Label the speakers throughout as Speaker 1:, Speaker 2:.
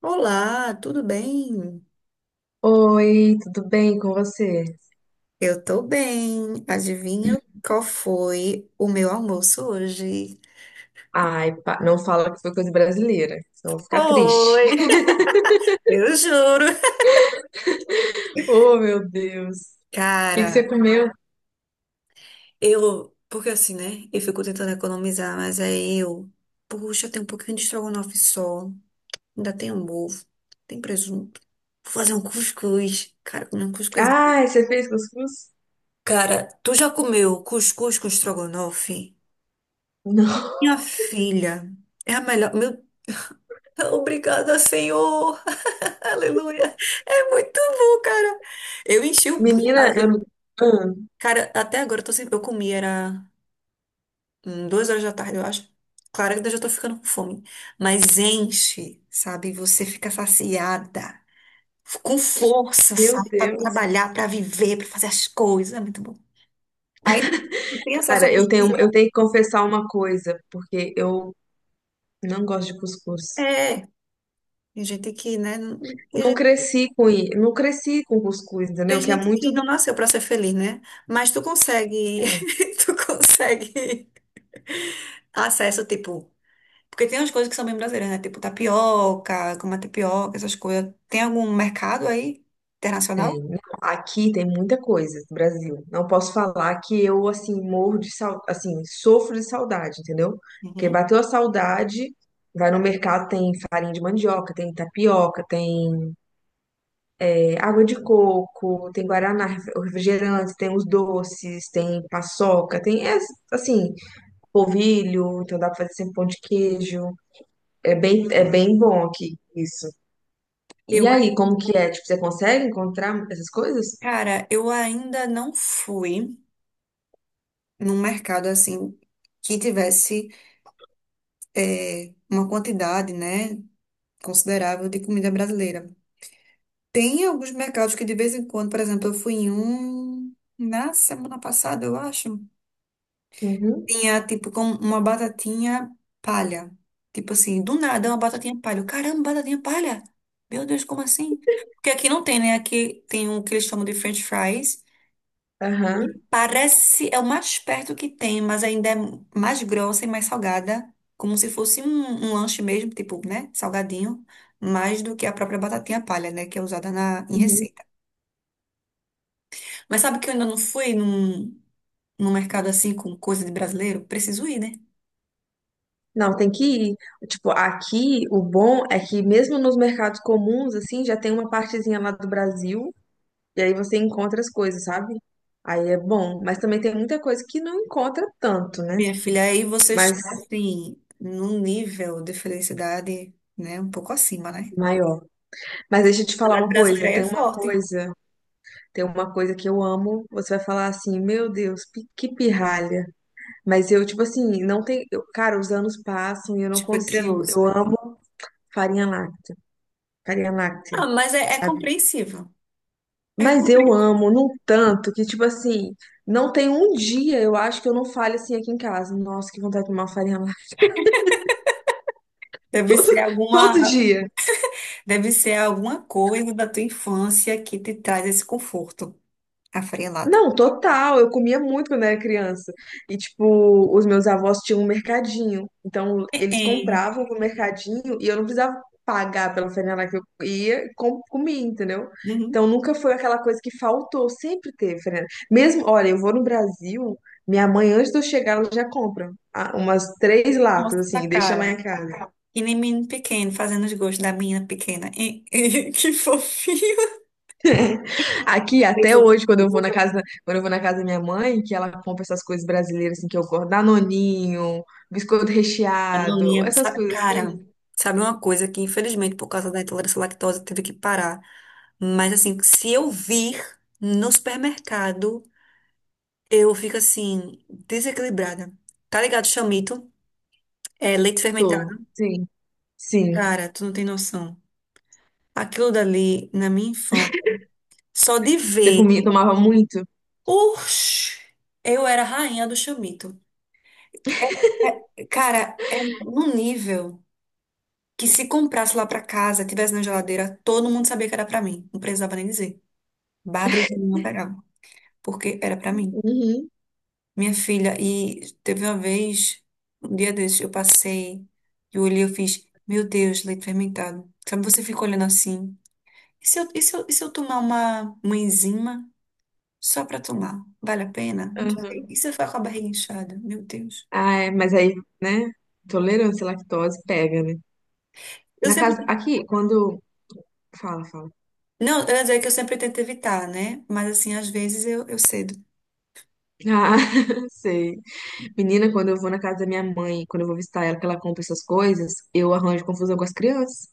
Speaker 1: Olá, tudo bem?
Speaker 2: Oi, tudo bem com você?
Speaker 1: Eu tô bem. Adivinha qual foi o meu almoço hoje?
Speaker 2: Ai, não fala que foi coisa brasileira, senão eu vou ficar triste.
Speaker 1: Oi! Eu juro.
Speaker 2: Oh, meu Deus. O que que você
Speaker 1: Cara,
Speaker 2: comeu?
Speaker 1: eu, porque assim, né? Eu fico tentando economizar, mas aí eu, puxa, tem um pouquinho de estrogonofe só, ainda tem um ovo, tem presunto. Vou fazer um cuscuz. Cara, comer um cuscuz.
Speaker 2: Ai, você fez cuscuz?
Speaker 1: Cara, tu já comeu cuscuz com estrogonofe?
Speaker 2: Não.
Speaker 1: Minha filha, é a melhor. Meu, obrigada, Senhor. Aleluia. É muito bom, cara. Eu enchi o. bu-
Speaker 2: Menina,
Speaker 1: a-
Speaker 2: eu. Ah,
Speaker 1: Cara, até agora eu tô sempre. Eu comi, era 2 horas da tarde, eu acho. Claro que eu já tô ficando com fome. Mas enche, sabe? Você fica saciada. Com força,
Speaker 2: meu
Speaker 1: sabe? Pra
Speaker 2: Deus.
Speaker 1: trabalhar, pra viver, pra fazer as coisas. É muito bom. Aí não tem acesso a
Speaker 2: Cara, eu
Speaker 1: coisas
Speaker 2: tenho, eu
Speaker 1: aí?
Speaker 2: tenho que confessar uma coisa, porque eu não gosto de cuscuz.
Speaker 1: É. Tem gente que, né? Tem gente,
Speaker 2: Não cresci com cuscuz,
Speaker 1: tem
Speaker 2: entendeu? Que é
Speaker 1: gente
Speaker 2: muito.
Speaker 1: que não nasceu pra ser feliz, né? Mas tu consegue. Tu consegue acesso, tipo. Porque tem umas coisas que são bem brasileiras, né? Tipo tapioca, como a tapioca, essas coisas. Tem algum mercado aí
Speaker 2: Tem.
Speaker 1: internacional?
Speaker 2: Não, aqui tem muita coisa no Brasil. Não posso falar que eu, assim, morro de saudade, assim, sofro de saudade, entendeu? Porque
Speaker 1: Uhum.
Speaker 2: bateu a saudade, vai no mercado, tem farinha de mandioca, tem tapioca, tem água de coco, tem guaraná, refrigerante, tem os doces, tem paçoca, tem, assim, polvilho, então dá pra fazer sempre pão de queijo. É bem bom aqui, isso.
Speaker 1: Eu
Speaker 2: E aí,
Speaker 1: ainda,
Speaker 2: como que é? Tipo, você consegue encontrar essas coisas?
Speaker 1: cara, eu ainda não fui num mercado assim que tivesse uma quantidade, né, considerável de comida brasileira. Tem alguns mercados que de vez em quando, por exemplo, eu fui em um na semana passada, eu acho.
Speaker 2: Uhum,
Speaker 1: Tinha, tipo, com uma batatinha palha. Tipo assim, do nada, uma batatinha palha. Caramba, batatinha palha? Meu Deus, como assim? Porque aqui não tem, né? Aqui tem o que eles chamam de French fries. E
Speaker 2: aham.
Speaker 1: parece, é o mais perto que tem, mas ainda é mais grossa e mais salgada. Como se fosse um, lanche mesmo, tipo, né? Salgadinho. Mais do que a própria batatinha palha, né? Que é usada em
Speaker 2: Uhum.
Speaker 1: receita. Mas sabe que eu ainda não fui num mercado assim com coisa de brasileiro? Preciso ir, né?
Speaker 2: Não, tem que ir. Tipo, aqui o bom é que mesmo nos mercados comuns, assim, já tem uma partezinha lá do Brasil, e aí você encontra as coisas, sabe? Aí é bom, mas também tem muita coisa que não encontra tanto, né?
Speaker 1: Minha filha, aí vocês
Speaker 2: Mas
Speaker 1: estão, assim, num nível de felicidade, né, um pouco acima, né?
Speaker 2: maior. Mas
Speaker 1: A
Speaker 2: deixa eu te falar
Speaker 1: felicidade
Speaker 2: uma
Speaker 1: brasileira
Speaker 2: coisa,
Speaker 1: aí é forte,
Speaker 2: tem uma coisa que eu amo, você vai falar assim, meu Deus, que pirralha. Mas eu, tipo assim, não tem, cara, os anos passam e eu não
Speaker 1: tipo, é
Speaker 2: consigo.
Speaker 1: treloso.
Speaker 2: Eu amo farinha láctea, farinha
Speaker 1: Ah,
Speaker 2: láctea,
Speaker 1: mas é
Speaker 2: sabe?
Speaker 1: compreensível. É
Speaker 2: Mas eu
Speaker 1: compreensível.
Speaker 2: amo num tanto que, tipo assim, não tem um dia, eu acho, que eu não fale assim aqui em casa. Nossa, que vontade de tomar uma farinha lá.
Speaker 1: Deve
Speaker 2: Todo,
Speaker 1: ser alguma,
Speaker 2: todo dia.
Speaker 1: deve ser alguma coisa da tua infância que te traz esse conforto afarelado.
Speaker 2: Não, total. Eu comia muito quando era criança. E, tipo, os meus avós tinham um mercadinho. Então,
Speaker 1: É,
Speaker 2: eles
Speaker 1: é,
Speaker 2: compravam no mercadinho e eu não precisava pagar pela franela que eu ia e comia, entendeu?
Speaker 1: uhum.
Speaker 2: Então, nunca foi aquela coisa que faltou. Sempre teve franela. Mesmo, olha, eu vou no Brasil, minha mãe, antes de eu chegar, ela já compra umas três latas,
Speaker 1: Nossa,
Speaker 2: assim, e deixa lá em
Speaker 1: cara.
Speaker 2: casa.
Speaker 1: E nem menino pequeno, fazendo os gostos da menina pequena. É, é, que fofinho.
Speaker 2: Aqui,
Speaker 1: Eu
Speaker 2: até
Speaker 1: sou.
Speaker 2: hoje, quando eu vou na casa, quando eu vou na casa da minha mãe, que ela compra essas coisas brasileiras assim que eu gosto, danoninho, biscoito
Speaker 1: Eu não
Speaker 2: recheado,
Speaker 1: lembro,
Speaker 2: essas
Speaker 1: sabe,
Speaker 2: coisas
Speaker 1: cara,
Speaker 2: assim.
Speaker 1: sabe uma coisa que infelizmente por causa da intolerância à lactose teve que parar. Mas assim, se eu vir no supermercado, eu fico assim, desequilibrada. Tá ligado? Chamito, é leite
Speaker 2: Tô,
Speaker 1: fermentado.
Speaker 2: sim, sim.
Speaker 1: Cara, tu não tem noção. Aquilo dali, na minha infância, só de
Speaker 2: Você
Speaker 1: ver,
Speaker 2: comia, tomava muito?
Speaker 1: uxi, eu era a rainha do chamito. É, cara, é num nível que se comprasse lá pra casa, tivesse na geladeira, todo mundo sabia que era pra mim. Não precisava nem dizer. Bárbara e Juliana pegavam, porque era pra mim.
Speaker 2: Uhum.
Speaker 1: Minha filha, e teve uma vez, um dia desses, eu passei e olhei, eu fiz, meu Deus, leite fermentado. Sabe, você fica olhando assim. E se eu, e se eu, e se eu tomar uma enzima só pra tomar? Vale a pena? Não sei. E
Speaker 2: Aham.
Speaker 1: se eu ficar com a barriga inchada? Meu Deus.
Speaker 2: Ah, é, mas aí, né? Intolerância à lactose pega, né?
Speaker 1: Eu
Speaker 2: Na
Speaker 1: sempre.
Speaker 2: casa, aqui, quando. Fala, fala.
Speaker 1: Não, eu ia dizer que eu sempre tento evitar, né? Mas assim, às vezes eu cedo.
Speaker 2: Ah, sei. Menina, quando eu vou na casa da minha mãe, quando eu vou visitar ela, que ela compra essas coisas, eu arranjo confusão com as crianças.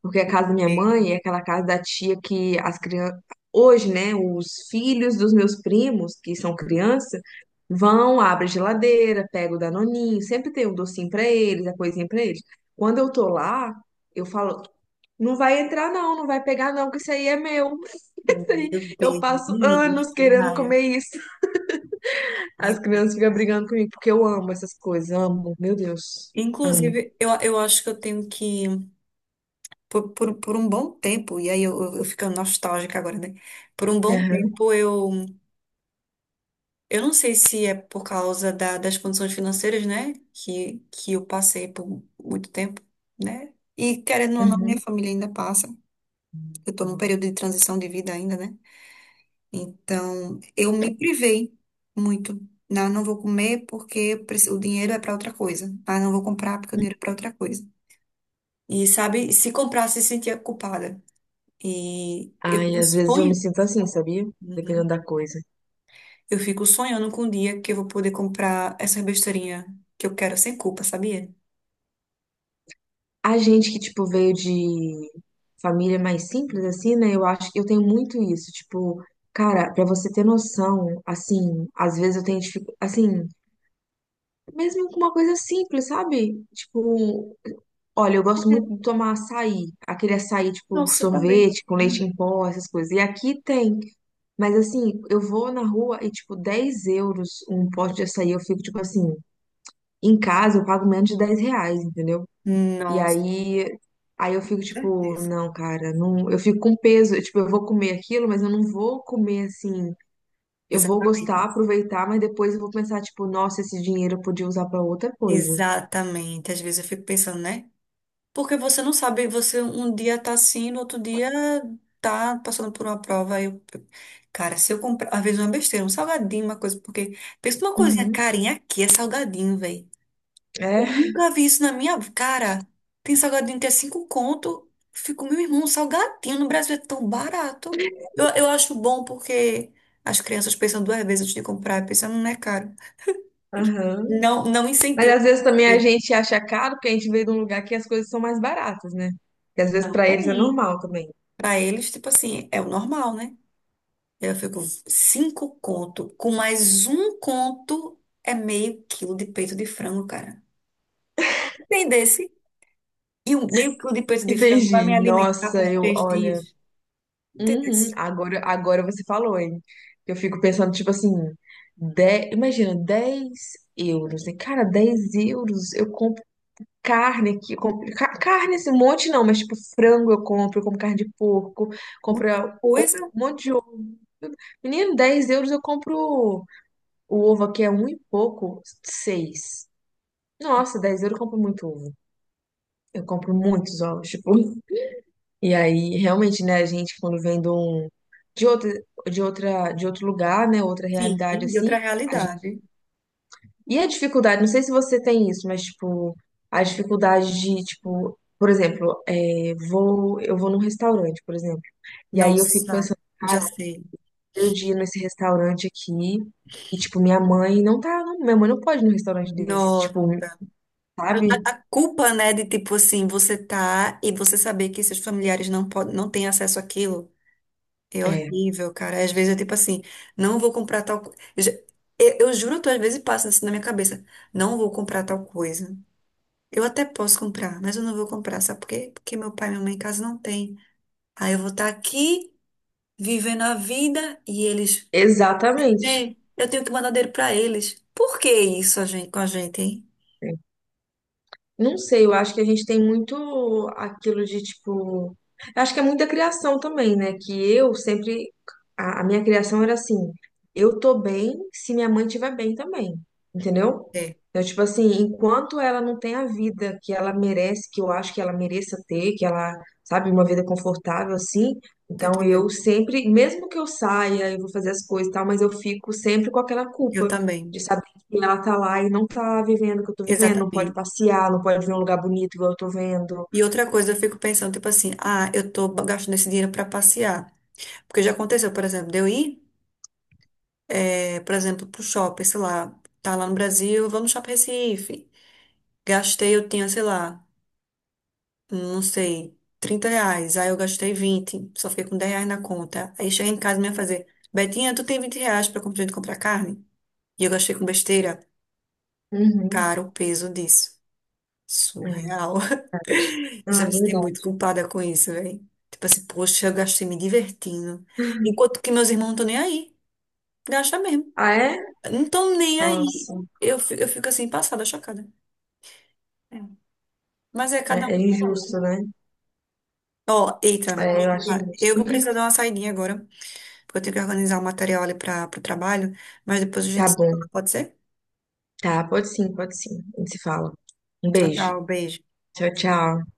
Speaker 2: Porque a casa da minha
Speaker 1: É.
Speaker 2: mãe é aquela casa da tia que as crianças. Hoje, né, os filhos dos meus primos, que são criança, vão, abrem a geladeira, pegam o Danoninho, sempre tem um docinho pra eles, a coisinha pra eles. Quando eu tô lá, eu falo: não vai entrar, não, não vai pegar, não, que isso aí é meu. Isso aí.
Speaker 1: Meu
Speaker 2: Eu
Speaker 1: Deus,
Speaker 2: passo
Speaker 1: meninos,
Speaker 2: anos
Speaker 1: que
Speaker 2: querendo
Speaker 1: raia.
Speaker 2: comer isso. As crianças ficam brigando comigo, porque eu amo essas coisas, amo, meu Deus, amo.
Speaker 1: Inclusive, eu acho que eu tenho que por um bom tempo, e aí eu ficando nostálgica agora, né? Por um bom
Speaker 2: Aham,
Speaker 1: tempo eu não sei se é por causa das condições financeiras, né? Que eu passei por muito tempo, né? E querendo ou não, minha
Speaker 2: uhum.
Speaker 1: família ainda passa. Eu tô num período de transição de vida ainda, né? Então, eu me privei muito. Não, não vou comer porque eu o dinheiro é para outra coisa. Ah, não vou comprar porque o dinheiro é para outra coisa. E sabe, se comprasse, sentia culpada. E eu
Speaker 2: Ai, às vezes eu me
Speaker 1: sonho.
Speaker 2: sinto assim, sabia? Dependendo
Speaker 1: Uhum.
Speaker 2: da coisa.
Speaker 1: Eu fico sonhando com um dia que eu vou poder comprar essa besteirinha que eu quero sem culpa, sabia?
Speaker 2: A gente que, tipo, veio de família mais simples, assim, né? Eu acho que eu tenho muito isso. Tipo, cara, pra você ter noção, assim, às vezes eu tenho dificuldade, assim, mesmo com uma coisa simples, sabe? Tipo, olha, eu gosto muito de tomar açaí, aquele açaí tipo
Speaker 1: Nossa, eu também.
Speaker 2: sorvete com leite
Speaker 1: Hum,
Speaker 2: em pó, essas coisas. E aqui tem, mas assim, eu vou na rua e tipo 10 euros um pote de açaí, eu fico tipo assim, em casa eu pago menos de 10 reais, entendeu? E
Speaker 1: Nossa,
Speaker 2: aí, aí eu fico tipo,
Speaker 1: certeza.
Speaker 2: não, cara, não, eu fico com peso, eu, tipo, eu vou comer aquilo, mas eu não vou comer assim, eu vou gostar,
Speaker 1: Exatamente.
Speaker 2: aproveitar, mas depois eu vou pensar tipo, nossa, esse dinheiro eu podia usar pra outra coisa.
Speaker 1: Exatamente. Às vezes eu fico pensando, né? Porque você não sabe, você um dia tá assim, no outro dia tá passando por uma prova. Aí, cara, se eu comprar, às vezes uma besteira, um salgadinho, uma coisa, porque pensa numa coisinha
Speaker 2: Uhum.
Speaker 1: carinha aqui, é salgadinho, velho. Eu
Speaker 2: É,
Speaker 1: nunca vi isso na minha cara. Tem salgadinho que é 5 conto. Fico, meu irmão, salgadinho no Brasil é tão barato. Eu acho bom porque as crianças pensam duas vezes antes de comprar, pensando, não é caro.
Speaker 2: aham.
Speaker 1: Não, não
Speaker 2: Mas
Speaker 1: incentiva.
Speaker 2: às vezes também a gente acha caro porque a gente veio de um lugar que as coisas são mais baratas, né? Que às vezes pra eles é
Speaker 1: Também.
Speaker 2: normal também.
Speaker 1: Para eles, tipo assim, é o normal, né? Eu fico 5 conto. Com mais 1 conto é meio quilo de peito de frango, cara. Entendesse? E um meio quilo de peito de frango vai
Speaker 2: Entendi.
Speaker 1: me alimentar
Speaker 2: Nossa,
Speaker 1: por
Speaker 2: eu,
Speaker 1: três
Speaker 2: olha,
Speaker 1: dias. Entendeu?
Speaker 2: uhum, agora, agora você falou, hein? Eu fico pensando, tipo assim, 10, imagina, 10 euros, né? Cara, 10 euros, eu compro carne aqui, eu compro, carne esse monte não, mas tipo frango eu compro carne de porco, compro
Speaker 1: Muita
Speaker 2: um
Speaker 1: coisa,
Speaker 2: monte de ovo. Menino, 10 euros eu compro. O ovo aqui é um e pouco, seis. Nossa, 10 euros eu compro muito ovo. Eu compro muitos ovos, tipo. E aí, realmente, né, a gente, quando vem de um, de outra, de outro lugar, né, outra realidade,
Speaker 1: sim, de
Speaker 2: assim,
Speaker 1: outra
Speaker 2: a gente.
Speaker 1: realidade.
Speaker 2: E a dificuldade, não sei se você tem isso, mas, tipo, a dificuldade de, tipo, por exemplo, é, vou, eu vou num restaurante, por exemplo, e aí eu fico
Speaker 1: Nossa,
Speaker 2: pensando,
Speaker 1: já
Speaker 2: cara,
Speaker 1: sei.
Speaker 2: eu dia nesse restaurante aqui, e, tipo, minha mãe não tá, minha mãe não pode ir num restaurante desse, tipo,
Speaker 1: Nossa. A,
Speaker 2: sabe?
Speaker 1: a- a culpa, né, de tipo assim, você tá e você saber que seus familiares não podem, não têm acesso àquilo é
Speaker 2: É,
Speaker 1: horrível, cara. Às vezes eu tipo assim, não vou comprar tal coisa. Eu juro, tu às vezes passa isso na minha cabeça. Não vou comprar tal coisa. Eu até posso comprar, mas eu não vou comprar, sabe por quê? Porque meu pai e minha mãe em casa não tem. Aí eu vou estar aqui vivendo a vida e eles.
Speaker 2: exatamente.
Speaker 1: Ei, eu tenho que mandar dinheiro pra eles. Por que isso com a gente, hein?
Speaker 2: É. Não sei, eu acho que a gente tem muito aquilo de tipo. Eu acho que é muita criação também, né? Que eu sempre. A minha criação era assim: eu tô bem se minha mãe estiver bem também, entendeu?
Speaker 1: É,
Speaker 2: Então, tipo assim, enquanto ela não tem a vida que ela merece, que eu acho que ela mereça ter, que ela, sabe, uma vida confortável assim.
Speaker 1: tô
Speaker 2: Então, eu
Speaker 1: entendendo.
Speaker 2: sempre, mesmo que eu saia e vou fazer as coisas e tal, mas eu fico sempre com aquela
Speaker 1: Eu
Speaker 2: culpa.
Speaker 1: também.
Speaker 2: De saber. E ela tá lá e não tá vivendo o que eu tô vivendo, não pode
Speaker 1: Exatamente.
Speaker 2: passear, não pode ver um lugar bonito igual eu tô vendo.
Speaker 1: E outra coisa, eu fico pensando, tipo assim, ah, eu tô gastando esse dinheiro pra passear. Porque já aconteceu, por exemplo, de eu ir, por exemplo, pro shopping, sei lá, tá lá no Brasil, vamos no shopping Recife. Gastei, eu tinha, sei lá. Não sei, R$ 30. Aí eu gastei 20, só fiquei com R$ 10 na conta. Aí cheguei em casa e me ia fazer, Betinha, tu tem R$ 20 pra comprar carne? E eu gastei com besteira.
Speaker 2: Uhum.
Speaker 1: Cara, o peso disso.
Speaker 2: É,
Speaker 1: Surreal.
Speaker 2: verdade.
Speaker 1: Eu já
Speaker 2: Ah, é
Speaker 1: me sinto muito
Speaker 2: verdade.
Speaker 1: culpada com isso, velho. Tipo assim, poxa, eu gastei me divertindo. Enquanto que meus irmãos não estão nem aí. Gasta mesmo.
Speaker 2: Ah, é?
Speaker 1: Não estão nem aí.
Speaker 2: Nossa,
Speaker 1: Eu fico assim, passada, chocada. É. Mas é cada
Speaker 2: é, é
Speaker 1: um.
Speaker 2: injusto, né?
Speaker 1: Ó, eita, me
Speaker 2: É, eu acho
Speaker 1: desculpa. Eu
Speaker 2: injusto.
Speaker 1: vou precisar dar uma saidinha agora, porque eu tenho que organizar o material ali para o trabalho, mas depois a
Speaker 2: Tá
Speaker 1: gente se
Speaker 2: bom.
Speaker 1: fala, pode ser?
Speaker 2: Tá, pode sim, pode sim. A gente se fala. Um
Speaker 1: Tchau,
Speaker 2: beijo.
Speaker 1: tchau, beijo.
Speaker 2: Tchau, tchau.